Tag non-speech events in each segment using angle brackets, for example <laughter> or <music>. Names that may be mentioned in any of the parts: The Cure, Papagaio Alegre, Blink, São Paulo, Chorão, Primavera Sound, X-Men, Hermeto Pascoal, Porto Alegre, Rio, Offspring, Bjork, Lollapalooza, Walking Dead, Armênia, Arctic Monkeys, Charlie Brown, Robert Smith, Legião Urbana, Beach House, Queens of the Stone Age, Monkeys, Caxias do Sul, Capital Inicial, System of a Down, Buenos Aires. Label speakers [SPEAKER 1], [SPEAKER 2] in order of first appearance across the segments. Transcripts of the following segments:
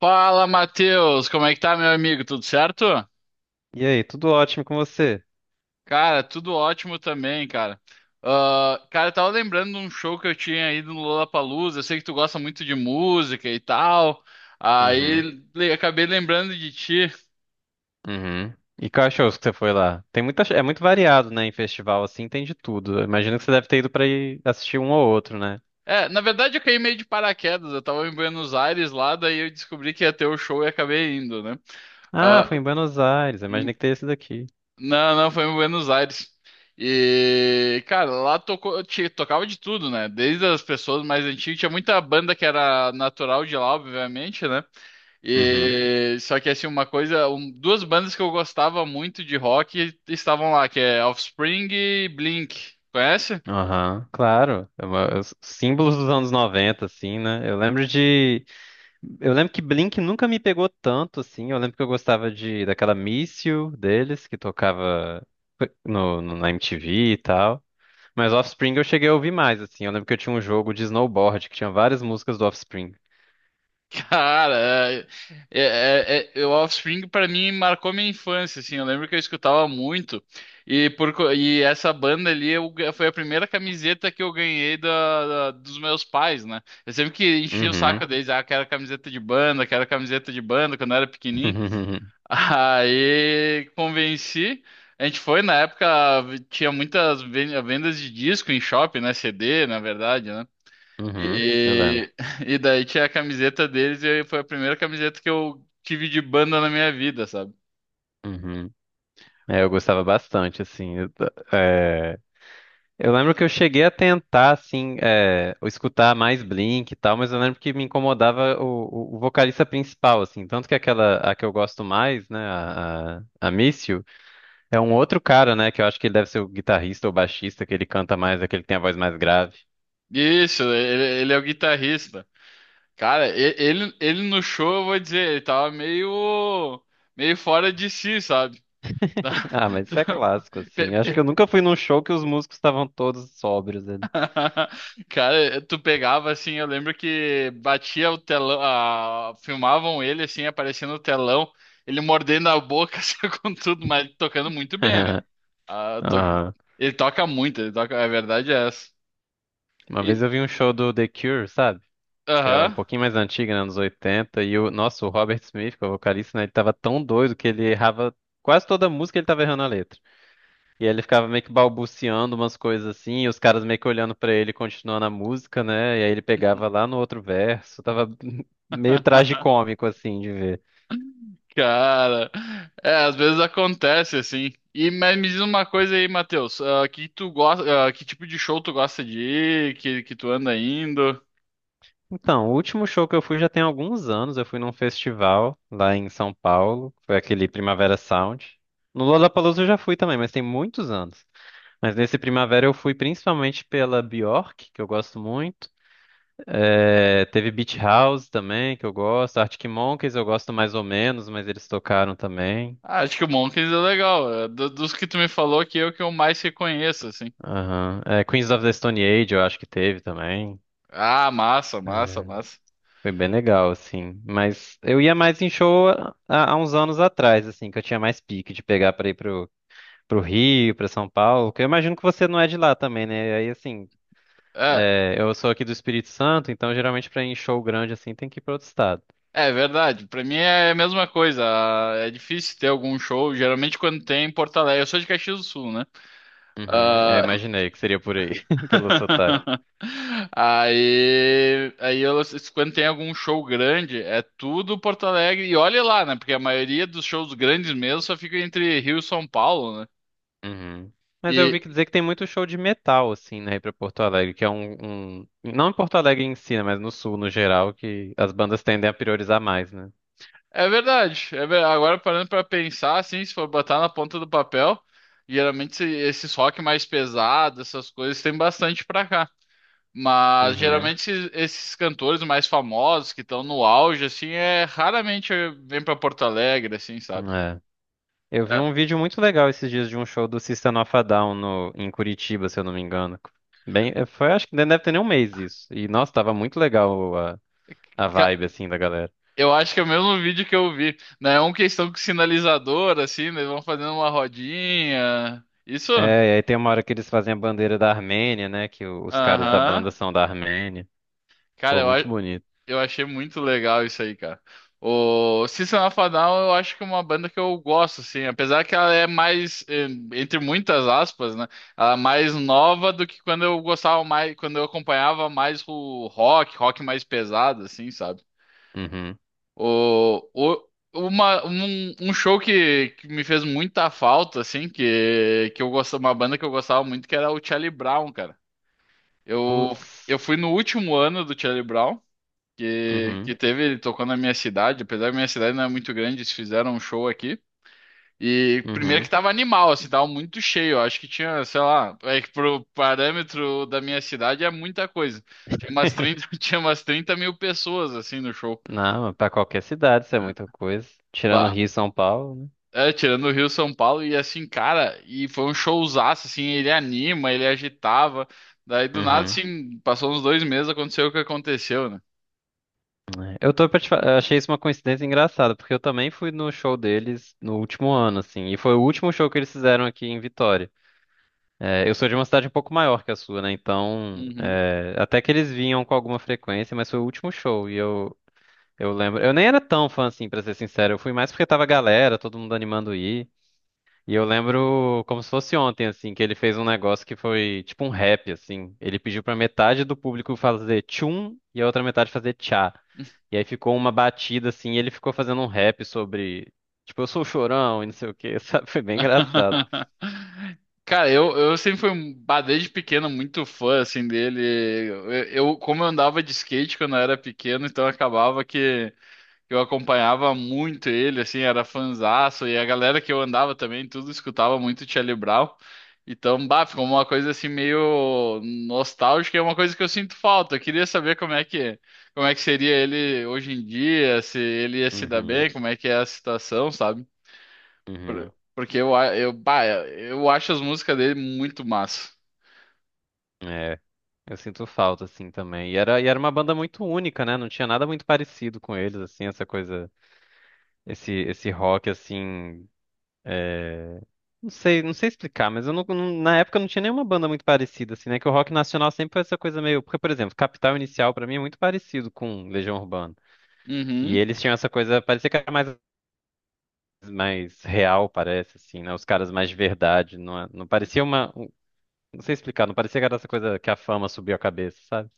[SPEAKER 1] Fala, Matheus! Como é que tá, meu amigo? Tudo certo?
[SPEAKER 2] E aí, tudo ótimo com você?
[SPEAKER 1] Cara, tudo ótimo também, cara. Ah, cara, eu tava lembrando de um show que eu tinha ido no Lollapalooza. Eu sei que tu gosta muito de música e tal. Aí
[SPEAKER 2] Uhum,
[SPEAKER 1] acabei lembrando de ti.
[SPEAKER 2] uhum. E cachorros que você foi lá? Tem muita, é muito variado, né? Em festival assim, tem de tudo. Eu imagino que você deve ter ido pra ir assistir um ou outro, né?
[SPEAKER 1] É, na verdade eu caí meio de paraquedas. Eu tava em Buenos Aires lá, daí eu descobri que ia ter o show e acabei indo, né?
[SPEAKER 2] Ah,
[SPEAKER 1] Ah,
[SPEAKER 2] foi
[SPEAKER 1] ah,
[SPEAKER 2] em Buenos Aires. Eu imaginei que teria esse daqui.
[SPEAKER 1] não, não, foi em Buenos Aires. E, cara, lá tocava de tudo, né? Desde as pessoas mais antigas, tinha muita banda que era natural de lá, obviamente, né?
[SPEAKER 2] Uhum.
[SPEAKER 1] E só que assim, uma coisa, duas bandas que eu gostava muito de rock estavam lá, que é Offspring e Blink. Conhece?
[SPEAKER 2] Aham. Claro, é os símbolos dos anos 90, assim, né? Eu lembro de. Eu lembro que Blink nunca me pegou tanto, assim. Eu lembro que eu gostava de daquela Miss You deles, que tocava na MTV e tal. Mas Offspring eu cheguei a ouvir mais, assim. Eu lembro que eu tinha um jogo de snowboard que tinha várias músicas do Offspring.
[SPEAKER 1] Cara, o Offspring pra mim marcou minha infância, assim, eu lembro que eu escutava muito, e, e essa banda ali foi a primeira camiseta que eu ganhei da, dos meus pais, né? Eu sempre que enchia o saco
[SPEAKER 2] Uhum.
[SPEAKER 1] deles, quero camiseta de banda, quero camiseta de banda, quando eu era pequenininho,
[SPEAKER 2] <laughs>
[SPEAKER 1] <laughs> aí convenci, a gente foi, na época tinha muitas vendas de disco em shopping, né, CD, na verdade, né?
[SPEAKER 2] Uhum. Eu lembro.
[SPEAKER 1] E, e <laughs> daí tinha a camiseta deles e foi a primeira camiseta que eu tive de banda na minha vida, sabe?
[SPEAKER 2] Uhum. É, eu gostava bastante, assim. Eu, é, eu lembro que eu cheguei a tentar, assim, é, escutar mais Blink e tal, mas eu lembro que me incomodava o vocalista principal, assim. Tanto que aquela, a que eu gosto mais, né, a Miss You, é um outro cara, né, que eu acho que ele deve ser o guitarrista ou baixista, que ele canta mais, é que ele tem a voz mais grave.
[SPEAKER 1] Isso, ele é o guitarrista. Cara, ele no show, eu vou dizer, ele tava meio, meio fora de si, sabe? <laughs> Tá-
[SPEAKER 2] <laughs> Ah, mas isso é
[SPEAKER 1] tá-
[SPEAKER 2] clássico,
[SPEAKER 1] pe-
[SPEAKER 2] assim. Acho que eu
[SPEAKER 1] pe-
[SPEAKER 2] nunca fui num show que os músicos estavam todos sóbrios ali.
[SPEAKER 1] <laughs> Cara, tu pegava assim, eu lembro que batia o telão, filmavam ele assim, aparecendo no telão, ele mordendo a boca, <laughs> assim, com tudo, mas tocando muito bem, né?
[SPEAKER 2] <laughs>
[SPEAKER 1] Ah, to-
[SPEAKER 2] Ah,
[SPEAKER 1] Ele toca muito, ele toca, a verdade é essa.
[SPEAKER 2] uma
[SPEAKER 1] E...
[SPEAKER 2] vez eu vi um show do The Cure, sabe? Que é um
[SPEAKER 1] Aham.
[SPEAKER 2] pouquinho mais antigo, né? Anos 80. E o nosso o Robert Smith, que é o vocalista, né? Ele tava tão doido que ele errava quase toda a música, ele tava errando a letra. E aí ele ficava meio que balbuciando umas coisas assim, e os caras meio que olhando pra ele, e continuando a música, né? E aí ele pegava lá no outro verso. Tava <laughs> meio
[SPEAKER 1] <laughs>
[SPEAKER 2] tragicômico, assim, de ver.
[SPEAKER 1] Cara, é, às vezes acontece assim. E mas me diz uma coisa aí, Matheus, que tu gosta, que tipo de show tu gosta de ir, que tu anda indo?
[SPEAKER 2] Então, o último show que eu fui já tem alguns anos. Eu fui num festival lá em São Paulo. Foi aquele Primavera Sound. No Lollapalooza eu já fui também, mas tem muitos anos. Mas nesse Primavera eu fui principalmente pela Bjork, que eu gosto muito. É, teve Beach House também, que eu gosto. Arctic Monkeys eu gosto mais ou menos, mas eles tocaram também.
[SPEAKER 1] Ah, acho que o Monkeys é legal. É, dos que tu me falou aqui é o que eu mais reconheço, assim.
[SPEAKER 2] Aham. É, Queens of the Stone Age eu acho que teve também.
[SPEAKER 1] Ah, massa, massa, massa.
[SPEAKER 2] Foi bem legal, assim. Mas eu ia mais em show há uns anos atrás, assim, que eu tinha mais pique de pegar pra ir pro, pro Rio, pra São Paulo. Que eu imagino que você não é de lá também, né? Aí, assim,
[SPEAKER 1] É,
[SPEAKER 2] é, eu sou aqui do Espírito Santo, então geralmente pra ir em show grande, assim, tem que ir pra outro estado.
[SPEAKER 1] é verdade. Pra mim é a mesma coisa. Ah, é difícil ter algum show. Geralmente quando tem em Porto Alegre. Eu sou de Caxias do Sul, né?
[SPEAKER 2] Uhum, eu
[SPEAKER 1] Ah,
[SPEAKER 2] imaginei que seria por aí, <laughs> pelo sotaque.
[SPEAKER 1] <laughs> Aí, quando tem algum show grande, é tudo Porto Alegre. E olha lá, né? Porque a maioria dos shows grandes mesmo só fica entre Rio e São Paulo, né?
[SPEAKER 2] Uhum. Mas eu vi que
[SPEAKER 1] E,
[SPEAKER 2] dizer que tem muito show de metal, assim, né, aí pra Porto Alegre, que é um, não em Porto Alegre em si, né, mas no sul, no geral, que as bandas tendem a priorizar mais, né?
[SPEAKER 1] É verdade. Agora parando pra pensar, assim, se for botar na ponta do papel, geralmente esses rock mais pesados, essas coisas, tem bastante pra cá. Mas
[SPEAKER 2] Uhum.
[SPEAKER 1] geralmente esses cantores mais famosos que estão no auge, assim, raramente vem pra Porto Alegre, assim, sabe?
[SPEAKER 2] Eu vi
[SPEAKER 1] É,
[SPEAKER 2] um vídeo muito legal esses dias de um show do System of a Down em Curitiba, se eu não me engano. Bem, foi, acho que nem deve ter nem um mês isso. E, nossa, tava muito legal a
[SPEAKER 1] ca-
[SPEAKER 2] vibe, assim, da galera.
[SPEAKER 1] eu acho que é o mesmo vídeo que eu vi, né? É uma questão com sinalizador, assim, né? Eles vão fazendo uma rodinha. Isso? Aham.
[SPEAKER 2] É, e aí tem uma hora que eles fazem a bandeira da Armênia, né? Que os caras da banda
[SPEAKER 1] Aham.
[SPEAKER 2] são da Armênia.
[SPEAKER 1] Cara,
[SPEAKER 2] Pô,
[SPEAKER 1] eu
[SPEAKER 2] muito
[SPEAKER 1] acho.
[SPEAKER 2] bonito.
[SPEAKER 1] Eu achei muito legal isso aí, cara. O System of a Down, eu acho que é uma banda que eu gosto, assim, apesar que ela é mais, entre muitas aspas, né? Ela é mais nova do que quando eu gostava mais, quando eu acompanhava mais o rock mais pesado, assim, sabe?
[SPEAKER 2] Uhum.
[SPEAKER 1] O, o, um show que me fez muita falta, assim, que eu gostava, uma banda que eu gostava muito, que era o Charlie Brown, cara. Eu, eu
[SPEAKER 2] Putz.
[SPEAKER 1] fui no último ano do Charlie Brown que,
[SPEAKER 2] Uhum.
[SPEAKER 1] que teve, ele tocou na minha cidade, apesar que minha cidade não é muito grande, eles fizeram um show aqui. E primeiro que
[SPEAKER 2] Uhum.
[SPEAKER 1] tava animal, assim, tava muito cheio. Eu acho que tinha, sei lá, é que pro parâmetro da minha cidade é muita coisa.
[SPEAKER 2] <laughs>
[SPEAKER 1] <laughs> Tinha umas 30.000 pessoas, assim, no show.
[SPEAKER 2] Não, pra qualquer cidade isso é muita coisa. Tirando
[SPEAKER 1] Bah.
[SPEAKER 2] Rio e São Paulo, né?
[SPEAKER 1] É, tirando o Rio São Paulo, e assim, cara, e foi um showzaço, assim, ele anima, ele agitava. Daí do nada,
[SPEAKER 2] Uhum.
[SPEAKER 1] assim, passou uns dois meses, aconteceu o que aconteceu, né?
[SPEAKER 2] É, eu tô pra achei isso uma coincidência engraçada, porque eu também fui no show deles no último ano, assim, e foi o último show que eles fizeram aqui em Vitória. É, eu sou de uma cidade um pouco maior que a sua, né? Então,
[SPEAKER 1] Uhum.
[SPEAKER 2] é, até que eles vinham com alguma frequência, mas foi o último show, e eu lembro. Eu nem era tão fã, assim, pra ser sincero, eu fui mais porque tava a galera, todo mundo animando ir. E eu lembro como se fosse ontem, assim, que ele fez um negócio que foi tipo um rap, assim. Ele pediu pra metade do público fazer tchum e a outra metade fazer tchá. E aí ficou uma batida, assim, e ele ficou fazendo um rap sobre, tipo, eu sou o chorão e não sei o quê, <laughs> sabe? Foi bem engraçado.
[SPEAKER 1] <laughs> Cara, eu sempre fui, bah, desde pequeno, muito fã, assim, dele. Eu, como eu andava de skate quando eu era pequeno, então acabava que eu acompanhava muito ele, assim, era fanzaço. E a galera que eu andava também, tudo escutava muito Charlie Brown. Então, bah, ficou uma coisa, assim, meio nostálgica. É uma coisa que eu sinto falta. Eu queria saber como é que seria ele hoje em dia, se ele ia se dar
[SPEAKER 2] Uhum,
[SPEAKER 1] bem, como é que é a situação, sabe? Por-
[SPEAKER 2] uhum.
[SPEAKER 1] Porque eu, bah, eu acho as músicas dele muito massa.
[SPEAKER 2] É, eu sinto falta, assim, também. E era uma banda muito única, né? Não tinha nada muito parecido com eles, assim, essa coisa, esse rock, assim. É, não sei, não sei explicar, mas eu na época não tinha nenhuma banda muito parecida, assim, né? Que o rock nacional sempre foi essa coisa meio. Porque, por exemplo, Capital Inicial pra mim é muito parecido com Legião Urbana. E
[SPEAKER 1] Uhum.
[SPEAKER 2] eles tinham essa coisa, parecia que era mais, mais real, parece, assim, né? Os caras mais de verdade. Não, não parecia uma. Não sei explicar, não parecia que era essa coisa que a fama subiu a cabeça, sabe?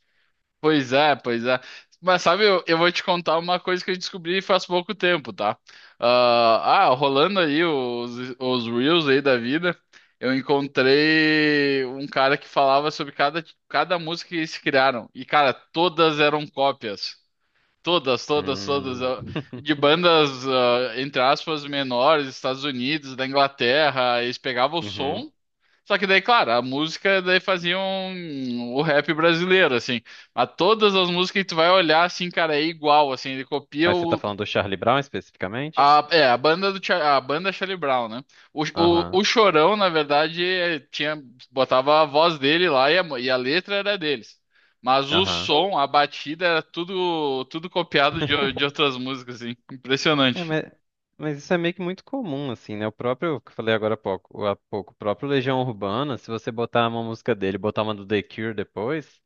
[SPEAKER 1] Pois é, pois é. Mas sabe, eu vou te contar uma coisa que eu descobri faz pouco tempo, tá? Rolando aí os Reels aí da vida, eu encontrei um cara que falava sobre cada música que eles criaram. E, cara, todas eram cópias. Todas, todas, todas.
[SPEAKER 2] Hum.
[SPEAKER 1] ah, De
[SPEAKER 2] <laughs>
[SPEAKER 1] bandas, entre aspas, menores, Estados Unidos, da Inglaterra. Eles pegavam o
[SPEAKER 2] Uhum.
[SPEAKER 1] som. Só que daí, claro, a música daí fazia o rap brasileiro, assim. Mas todas as músicas que tu vai olhar, assim, cara, é igual, assim.
[SPEAKER 2] Mas você tá falando do Charlie Brown especificamente?
[SPEAKER 1] A banda Charlie Brown, né? O, o,
[SPEAKER 2] Aham,
[SPEAKER 1] o Chorão, na verdade, botava a voz dele lá e a letra era deles. Mas o
[SPEAKER 2] aham.
[SPEAKER 1] som, a batida, era tudo copiado de outras músicas, assim.
[SPEAKER 2] É,
[SPEAKER 1] Impressionante.
[SPEAKER 2] mas isso é meio que muito comum, assim, né? O próprio, que eu falei agora há pouco, o próprio Legião Urbana, se você botar uma música dele, e botar uma do The Cure depois,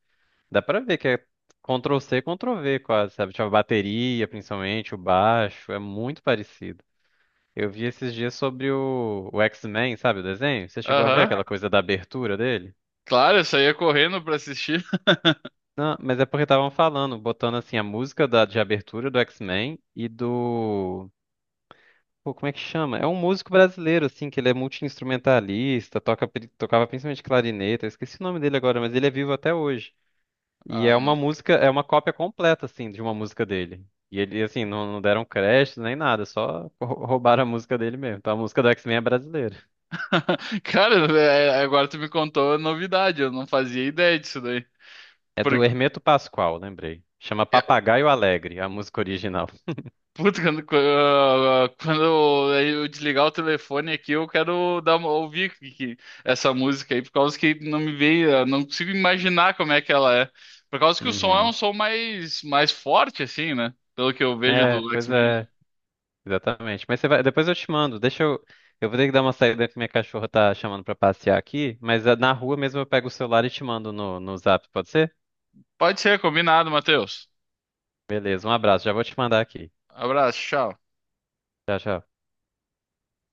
[SPEAKER 2] dá pra ver que é Ctrl-C, Ctrl-V quase, sabe? Tipo, a bateria, principalmente, o baixo, é muito parecido. Eu vi esses dias sobre o X-Men, sabe, o desenho? Você chegou a ver
[SPEAKER 1] Aham.
[SPEAKER 2] aquela coisa da abertura dele?
[SPEAKER 1] Claro, eu saía correndo pra assistir. <laughs>
[SPEAKER 2] Não, mas é porque estavam falando, botando assim a música da, de abertura do X-Men e do pô, como é que chama? É um músico brasileiro, assim, que ele é multi-instrumentalista, toca, tocava principalmente clarineta, eu esqueci o nome dele agora, mas ele é vivo até hoje. E é
[SPEAKER 1] Ah,
[SPEAKER 2] uma música, é uma cópia completa, assim, de uma música dele. E ele, assim, não, não deram crédito nem nada, só roubaram a música dele mesmo. Então a música do X-Men é brasileira.
[SPEAKER 1] <laughs> Cara, é, agora tu me contou a novidade, eu não fazia ideia disso daí.
[SPEAKER 2] É do
[SPEAKER 1] Porque,
[SPEAKER 2] Hermeto Pascoal, lembrei. Chama Papagaio Alegre, a música original.
[SPEAKER 1] puta, quando, eu desligar o telefone aqui, eu quero dar ouvir essa música aí, por causa que não me veio, eu não consigo imaginar como é que ela é. Por causa que o som é um
[SPEAKER 2] Uhum.
[SPEAKER 1] som mais, mais forte, assim, né? Pelo que eu vejo
[SPEAKER 2] É,
[SPEAKER 1] do
[SPEAKER 2] pois
[SPEAKER 1] X-Men.
[SPEAKER 2] é. Exatamente. Mas você vai, depois eu te mando. Deixa eu. Eu vou ter que dar uma saída que minha cachorra tá chamando pra passear aqui, mas ah, na rua mesmo eu pego o celular e te mando no Zap, pode ser?
[SPEAKER 1] Pode ser, combinado, Matheus.
[SPEAKER 2] Beleza, um abraço. Já vou te mandar aqui.
[SPEAKER 1] Abraço, tchau.
[SPEAKER 2] Tchau, tchau.